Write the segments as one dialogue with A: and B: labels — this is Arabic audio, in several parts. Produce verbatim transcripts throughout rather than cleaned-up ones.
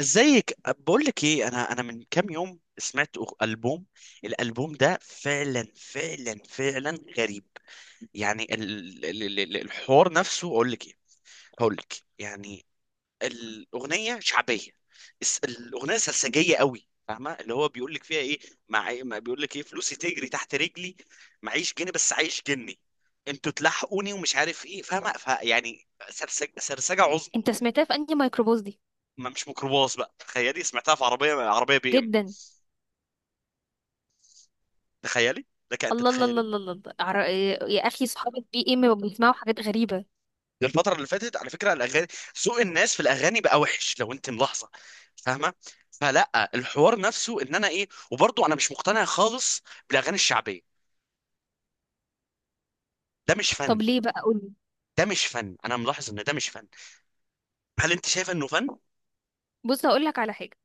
A: ازيك بقول لك ايه، انا انا من كام يوم سمعت أغ- البوم الالبوم ده، فعلا فعلا فعلا غريب. يعني ال- ال- ال- ال- الحوار نفسه، اقول لك ايه؟ هقول لك، يعني الاغنيه شعبيه. الس- الاغنيه سرسجيه قوي، فاهمه اللي هو بيقول لك فيها ايه؟ مع إيه، ما بيقول لك ايه فلوسي تجري تحت رجلي، معيش جنيه بس عايش جني، انتوا تلحقوني ومش عارف ايه، فاهمه؟ فيعني سرسجه سرسجه عظمى.
B: انت سمعتها في انهي ميكروباص دي؟
A: ما مش ميكروباص بقى، تخيلي سمعتها في عربيه عربيه بي ام.
B: جدا.
A: تخيلي، لك ان
B: الله الله الله
A: تتخيلي.
B: الله الله الله. عر- يا اخي صحابة بي ام بيسمعوا حاجات غريبه.
A: الفتره اللي فاتت على فكره الاغاني، سوق الناس في الاغاني بقى وحش لو انت ملاحظه. فاهمه؟ فلا الحوار نفسه ان انا ايه، وبرضه انا مش مقتنع خالص بالاغاني الشعبيه. ده مش
B: طب
A: فن.
B: ليه بقى؟ قولي.
A: ده مش فن، انا ملاحظ ان ده مش فن. هل انت شايفه انه فن؟
B: بص، هقول لك على حاجه.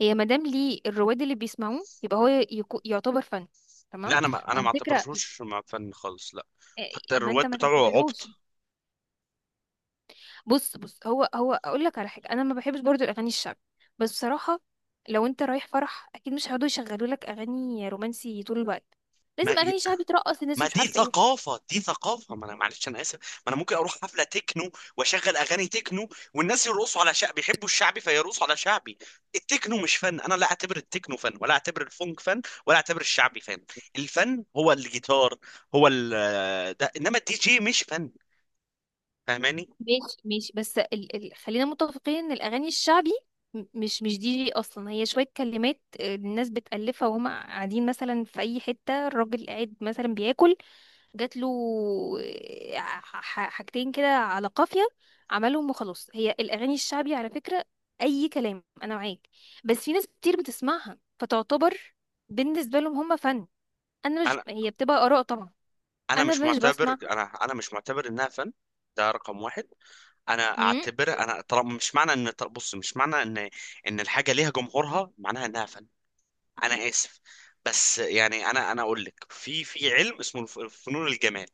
B: هي مادام ليه الرواد اللي بيسمعوه يبقى هو يكو- يعتبر فن،
A: لا،
B: تمام؟
A: انا ما انا ما
B: وعلى فكره،
A: اعتبرهوش مع فن خالص، لا. حتى
B: اه، ما
A: الرواد
B: انت ما
A: بتاعه
B: تعتبرهوش.
A: عبط.
B: بص بص، هو هو اقول لك على حاجه، انا ما بحبش برضو الاغاني الشعبي، بس بصراحه لو انت رايح فرح اكيد مش هيقعدوا يشغلوا لك اغاني رومانسي طول الوقت،
A: ما
B: لازم اغاني شعبي ترقص الناس
A: ما
B: مش
A: دي
B: عارفه ايه.
A: ثقافة، دي ثقافة. ما انا معلش، انا اسف. ما انا ممكن اروح حفلة تكنو واشغل اغاني تكنو والناس يرقصوا على شعبي، بيحبوا الشعبي فيرقصوا على شعبي. التكنو مش فن، انا لا اعتبر التكنو فن، ولا اعتبر الفونك فن، ولا اعتبر الشعبي فن. الفن هو الجيتار، هو ال... ده. انما الدي جي مش فن، فاهماني؟
B: ماشي ماشي، بس ال... ال... خلينا متفقين ان الاغاني الشعبي م- مش مش دي جي اصلا، هي شويه كلمات، آه، الناس بتالفها وهم قاعدين مثلا في اي حته، الراجل قاعد مثلا بياكل، جات له آه، ح- ح- حاجتين كده على قافيه، عملهم وخلاص. هي الاغاني الشعبي على فكره اي كلام، انا معاك. بس في ناس كتير بتسمعها فتعتبر بالنسبه لهم هم فن. انا مش،
A: انا
B: هي بتبقى اراء طبعا.
A: انا
B: انا
A: مش
B: مش بسمع.
A: معتبر انا انا مش معتبر انها فن. ده رقم واحد. انا اعتبر، انا طالما مش معنى ان، بص، مش معنى ان ان الحاجه ليها جمهورها معناها انها فن. انا اسف. بس يعني، انا انا اقول لك، في في علم اسمه الف- فنون الجمال.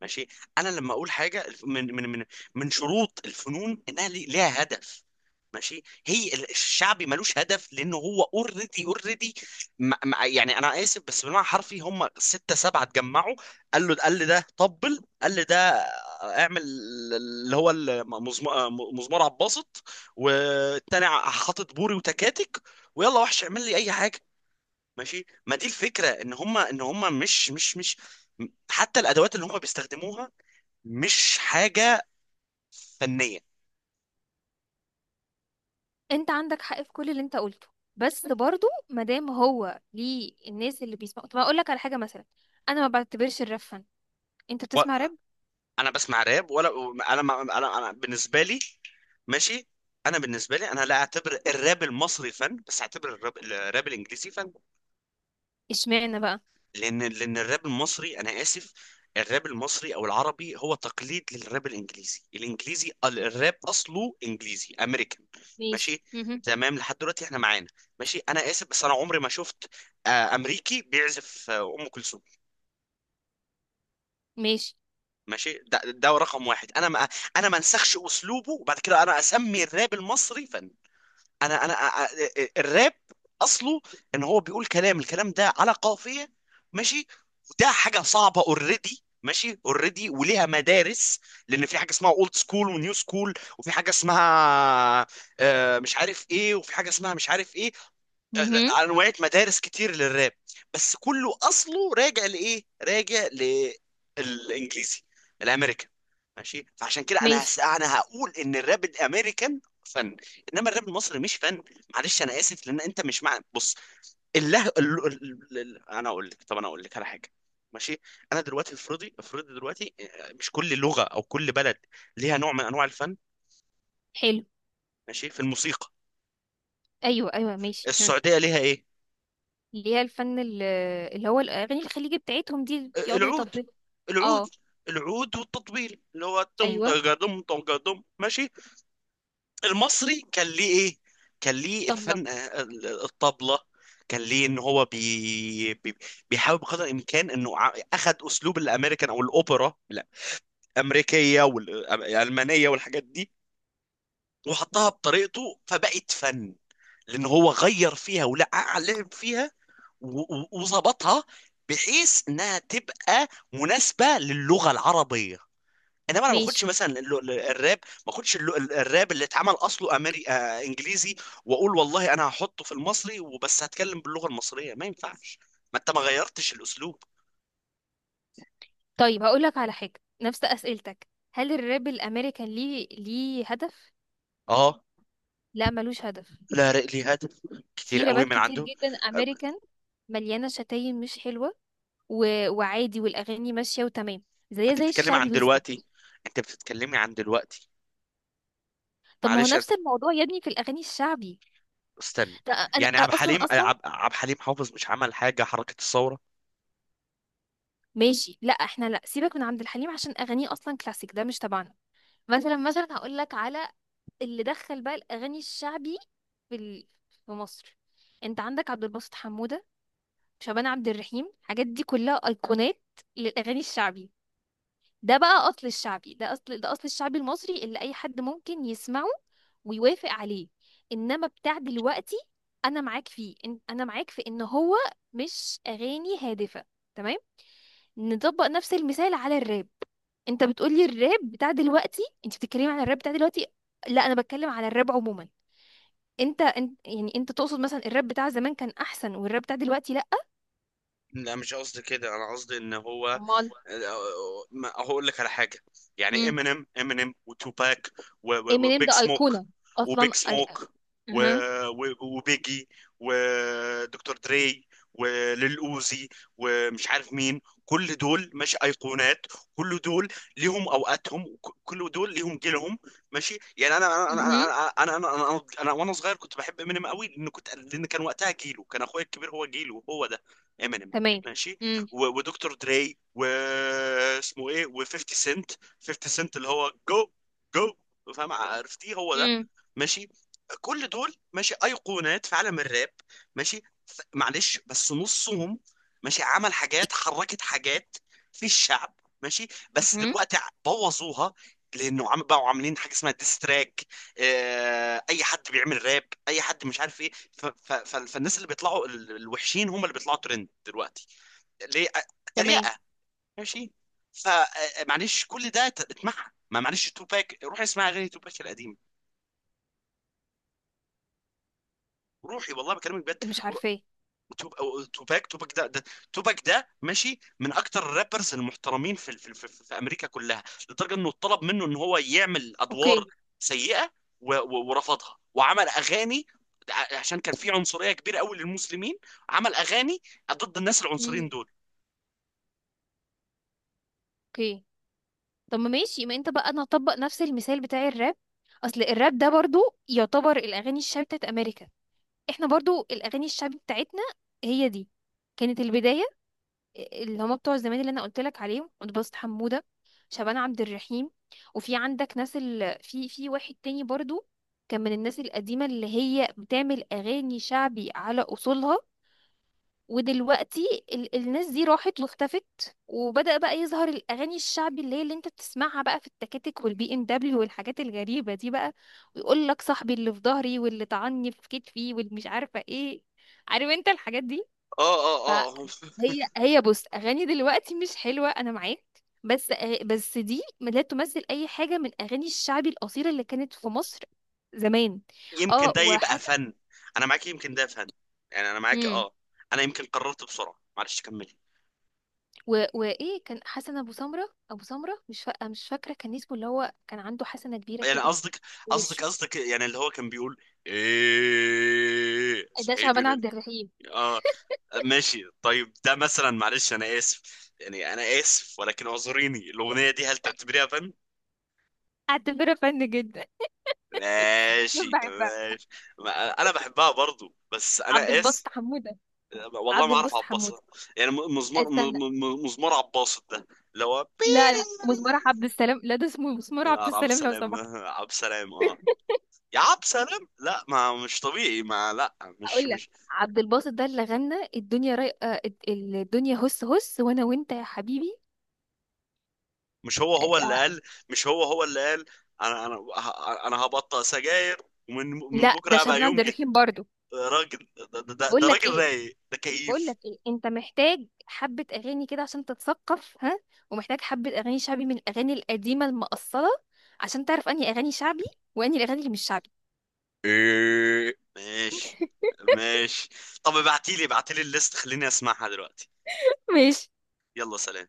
A: ماشي؟ انا لما اقول حاجه، الف- من من من من شروط الفنون انها لي- ليها هدف. ماشي؟ هي ال- الشعبي ملوش هدف، لانه هو اوريدي اوريدي. يعني انا اسف، بس بالمعنى الحرفي هم سته سبعه اتجمعوا، قال له، قال لي ده طبل، قال لي ده اعمل، اللي هو المزم- مزمار عباسط، والتاني حاطط بوري وتكاتك، ويلا وحش اعمل لي اي حاجه. ماشي؟ ما دي الفكره، ان هم ان هم مش مش مش حتى الادوات اللي هم بيستخدموها مش حاجه فنيه.
B: انت عندك حق في كل اللي انت قلته، بس برضو مادام هو ليه الناس اللي بيسمعوا. طب اقول لك على حاجه مثلا، انا ما بعتبرش الراب فن. انت
A: و-
B: بتسمع راب؟
A: انا بسمع راب ولا؟ انا ما- انا انا بالنسبه لي، ماشي، انا بالنسبه لي، انا لا اعتبر الراب المصري فن، بس اعتبر الراب الراب الانجليزي فن.
B: اشمعنى بقى؟
A: لان لان الراب المصري، انا اسف، الراب المصري او العربي هو تقليد للراب الانجليزي. الانجليزي الراب اصله انجليزي امريكان.
B: ماشي،
A: ماشي؟
B: مهم.
A: تمام، لحد دلوقتي احنا معانا. ماشي، انا اسف بس انا عمري ما شفت آه، امريكي بيعزف آه، ام كلثوم.
B: ماشي،
A: ماشي، ده, ده رقم واحد. انا ما انا ما انسخش اسلوبه، وبعد كده انا اسمي الراب المصري فن. انا انا ا- ا- الراب اصله ان هو بيقول كلام، الكلام ده على قافيه. ماشي؟ وده حاجه صعبه، اوريدي، ماشي، اوريدي، وليها مدارس. لان في حاجه اسمها اولد سكول ونيو سكول، وفي حاجه اسمها آه، مش عارف ايه، وفي حاجه اسمها مش عارف ايه.
B: مهم.
A: انواع مدارس كتير للراب، بس كله اصله راجع لايه، راجع للانجليزي الامريكان. ماشي؟ فعشان كده انا
B: ماشي.
A: هس... انا هقول ان الراب الامريكان فن، انما الراب المصري مش فن. معلش انا اسف، لان انت مش مع، بص، الله ال... ال... ال... انا اقول لك، طب انا اقول لك على حاجه. ماشي؟ انا دلوقتي افرضي، افرضي دلوقتي، آه، مش كل لغه او كل بلد ليها نوع من انواع الفن.
B: حلو.
A: ماشي؟ في الموسيقى،
B: ايوه ايوه ماشي، ها.
A: السعوديه ليها ايه؟
B: اللي هي الفن ال- اللي هو الاغاني الخليجي بتاعتهم دي اللي بيقعدوا
A: العود.
B: يطبلوا.
A: العود.
B: اه،
A: العود والتطبيل، اللي هو دم
B: ايوه،
A: طقة دم طقة دم. ماشي؟ المصري كان ليه ايه؟ كان ليه
B: طبله.
A: الفن ال- الطبلة. كان ليه ان هو بي... بي... بيحاول بقدر الامكان انه ع- اخد اسلوب الامريكان او الاوبرا الامريكيه والالمانيه والحاجات دي وحطها بطريقته، فبقت فن. لان هو غير فيها ولعب لعب فيها و- و- وظبطها بحيث انها تبقى مناسبه للغه العربيه. انما انا ما اخدش
B: ماشي.
A: مثلا ال- ال- الراب، ما اخدش ال- ال- الراب اللي اتعمل اصله امري آه انجليزي، واقول والله انا هحطه في المصري وبس، هتكلم باللغه المصريه. ما ينفعش. ما انت ما غيرتش الاسلوب.
B: طيب هقول لك على حاجه، نفس اسئلتك. هل الراب الامريكان ليه ليه هدف؟
A: اه.
B: لا ملوش هدف.
A: لا، لي هذا كتير
B: في
A: قوي
B: رابات
A: من
B: كتير
A: عنده.
B: جدا
A: آه،
B: امريكان مليانة شتايم مش حلوة، و... وعادي، والأغاني ماشية وتمام، زي
A: انت
B: زي
A: بتتكلمي
B: الشعبي
A: عن دلوقتي؟
B: بالظبط.
A: انت بتتكلمي عن دلوقتي.
B: طب ما هو
A: معلش أنا-
B: نفس الموضوع يا ابني في الأغاني الشعبي،
A: استني.
B: ده أنا
A: يعني عبد
B: أنا أصلا
A: الحليم، آه،
B: أصلا.
A: عب- عبد الحليم حافظ مش عمل حاجه، حركه الثوره؟
B: ماشي، لا احنا لا، سيبك من عبد الحليم عشان أغانيه أصلا كلاسيك، ده مش تبعنا. مثلا مثلا هقول لك على اللي دخل بقى الأغاني الشعبي في ال... في مصر. أنت عندك عبد الباسط حمودة، شعبان عبد الرحيم، الحاجات دي كلها أيقونات للأغاني الشعبي. ده بقى أصل الشعبي، ده أصل، ده أصل الشعبي المصري اللي أي حد ممكن يسمعه ويوافق عليه. انما بتاع دلوقتي انا معاك فيه، إن- انا معاك في ان هو مش اغاني هادفه، تمام؟ نطبق نفس المثال على الراب. انت بتقولي الراب بتاع دلوقتي، انت بتتكلمي على الراب بتاع دلوقتي. لا انا بتكلم على الراب عموما. انت انت يعني انت تقصد مثلا الراب بتاع زمان كان احسن والراب بتاع دلوقتي لا؟
A: لا مش قصدي كده، انا قصدي ان هو
B: امال.
A: ما- هقول لك على حاجه. يعني
B: امم
A: امينيم، امينيم وتوباك و- و-
B: امينيم
A: وبيج
B: ده
A: سموك.
B: ايقونه اصلا،
A: وبيج
B: اي.
A: سموك
B: اها
A: و- و- وبيجي ودكتور دري وليل اوزي ومش عارف مين. كل دول مش ايقونات؟ كل دول ليهم اوقاتهم، وك- كل دول ليهم جيلهم. ماشي؟ يعني انا انا انا
B: اها،
A: انا انا انا, أنا, أنا وانا صغير كنت بحب امينيم قوي، لان كنت، لان كان وقتها جيله، كان اخويا الكبير هو جيله هو ده، امينيم.
B: تمام.
A: ماشي؟
B: امم
A: و- ودكتور دري واسمه ايه و50 سنت. فيفتي سنت اللي هو جو، جو، فاهم؟ عرفتيه هو ده. ماشي؟ كل دول ماشي ايقونات في عالم الراب. ماشي؟ ف- معلش بس نصهم، ماشي، عمل حاجات، حركت حاجات في الشعب. ماشي؟ بس
B: امم
A: دلوقتي ع- بوظوها، لانه عم بقوا عاملين حاجه اسمها ديستراك. آه، اي حد بيعمل راب، اي حد مش عارف ايه، ف- ف- ف- فالناس اللي بيطلعوا ال- الوحشين هم اللي بيطلعوا ترند دلوقتي. ليه؟
B: تمام.
A: تريقه. ماشي؟ فمعلش كل ده ت- اسمعها. ما معلش، توباك، روح اسمع اغاني توباك القديمه. روحي والله بكلمك بجد.
B: مش
A: رو-
B: عارفاه.
A: توب- أو- توباك توباك ده, ده توباك ده ماشي من اكتر الرابرز المحترمين في, في, في, في امريكا كلها. لدرجه انه اتطلب منه ان هو يعمل ادوار
B: اوكي.
A: سيئه، و- و- ورفضها، وعمل اغاني ع- عشان كان في عنصريه كبيره قوي للمسلمين. عمل اغاني ضد الناس العنصريين
B: مم.
A: دول.
B: اوكي. طب ما ماشي، ما انت بقى انا هطبق نفس المثال بتاع الراب. اصل الراب ده برضو يعتبر الاغاني الشعبي بتاعت امريكا، احنا برضو الاغاني الشعبي بتاعتنا هي دي، كانت البدايه، اللي هما بتوع زمان اللي انا قلت لك عليهم، اتبسط حموده، شعبان عبد الرحيم. وفي عندك ناس ال... في في واحد تاني برضو كان من الناس القديمه اللي هي بتعمل اغاني شعبي على اصولها. ودلوقتي ال الناس دي راحت واختفت، وبدأ بقى يظهر الأغاني الشعبي اللي هي اللي انت بتسمعها بقى في التكاتك والبي ام دبليو والحاجات الغريبة دي بقى، ويقول لك صاحبي اللي في ظهري واللي طعني في كتفي واللي مش عارفة ايه، عارف انت الحاجات دي.
A: اه، اه، اه.
B: فهي هي بص، أغاني دلوقتي مش حلوة أنا معاك، بس أ- بس دي لا تمثل أي حاجة من أغاني الشعبي الأصيلة اللي كانت في مصر زمان.
A: يمكن
B: اه،
A: ده يبقى
B: وحتى
A: فن. انا معاك، يمكن ده فن. يعني انا معاك، اه. انا يمكن قررت بسرعه، معلش كمل.
B: و... وايه كان حسن ابو سمره ابو سمره، مش فا... مش فاكره كان اسمه، اللي هو كان عنده حسنه كبيره
A: يعني
B: كده في
A: قصدك، قصدك
B: وشه،
A: قصدك يعني اللي هو كان بيقول ايه،
B: ده
A: صحيت
B: شعبان
A: من ال-
B: عبد الرحيم.
A: اه. ماشي طيب ده مثلا، معلش انا اسف، يعني انا اسف ولكن اعذريني، الاغنيه دي هل تعتبريها فن؟
B: اعتبره فن جدا.
A: ماشي
B: بحبها.
A: ماشي. ما- انا بحبها برضو بس
B: عبد
A: انا اسف.
B: الباسط حموده.
A: والله
B: عبد
A: ما اعرف
B: الباسط
A: عباصة.
B: حموده.
A: يعني م- مزمار م-
B: استنى،
A: م- مزمار عباصة ده اللي هو
B: لا لا، مسمار عبد السلام، لا ده اسمه مسمار عبد
A: آه، عبد
B: السلام لو
A: السلام
B: سمحت.
A: آه، عبد السلام، اه، يا عبد السلام، لا ما مش طبيعي، ما لا مش
B: اقول لك،
A: مش.
B: عبد الباسط ده اللي غنى الدنيا راي... آه، ال- الدنيا هس هس وانا وانت يا حبيبي.
A: مش هو
B: آه،
A: هو اللي
B: آه،
A: قال، مش هو هو اللي قال، انا انا ه- انا هبطل سجاير ومن من
B: لا
A: بكره
B: ده
A: هبقى
B: شعبان عبد
A: يمجد؟
B: الرحيم برضو.
A: آه، راجل، ده, ده, ده,
B: بقول
A: ده
B: لك
A: راجل
B: ايه،
A: رايق، ده
B: بقول
A: كيف؟
B: لك ايه، انت محتاج حبة اغاني كده عشان تتثقف، ها، ومحتاج حبة اغاني شعبي من الاغاني القديمة المقصرة عشان تعرف انهي اغاني شعبي وانهي الاغاني اللي مش شعبي.
A: إيه. ماشي. ماشي. طب ابعتيلي، ابعتيلي الليست خليني اسمعها دلوقتي.
B: ماشي.
A: يلا، سلام.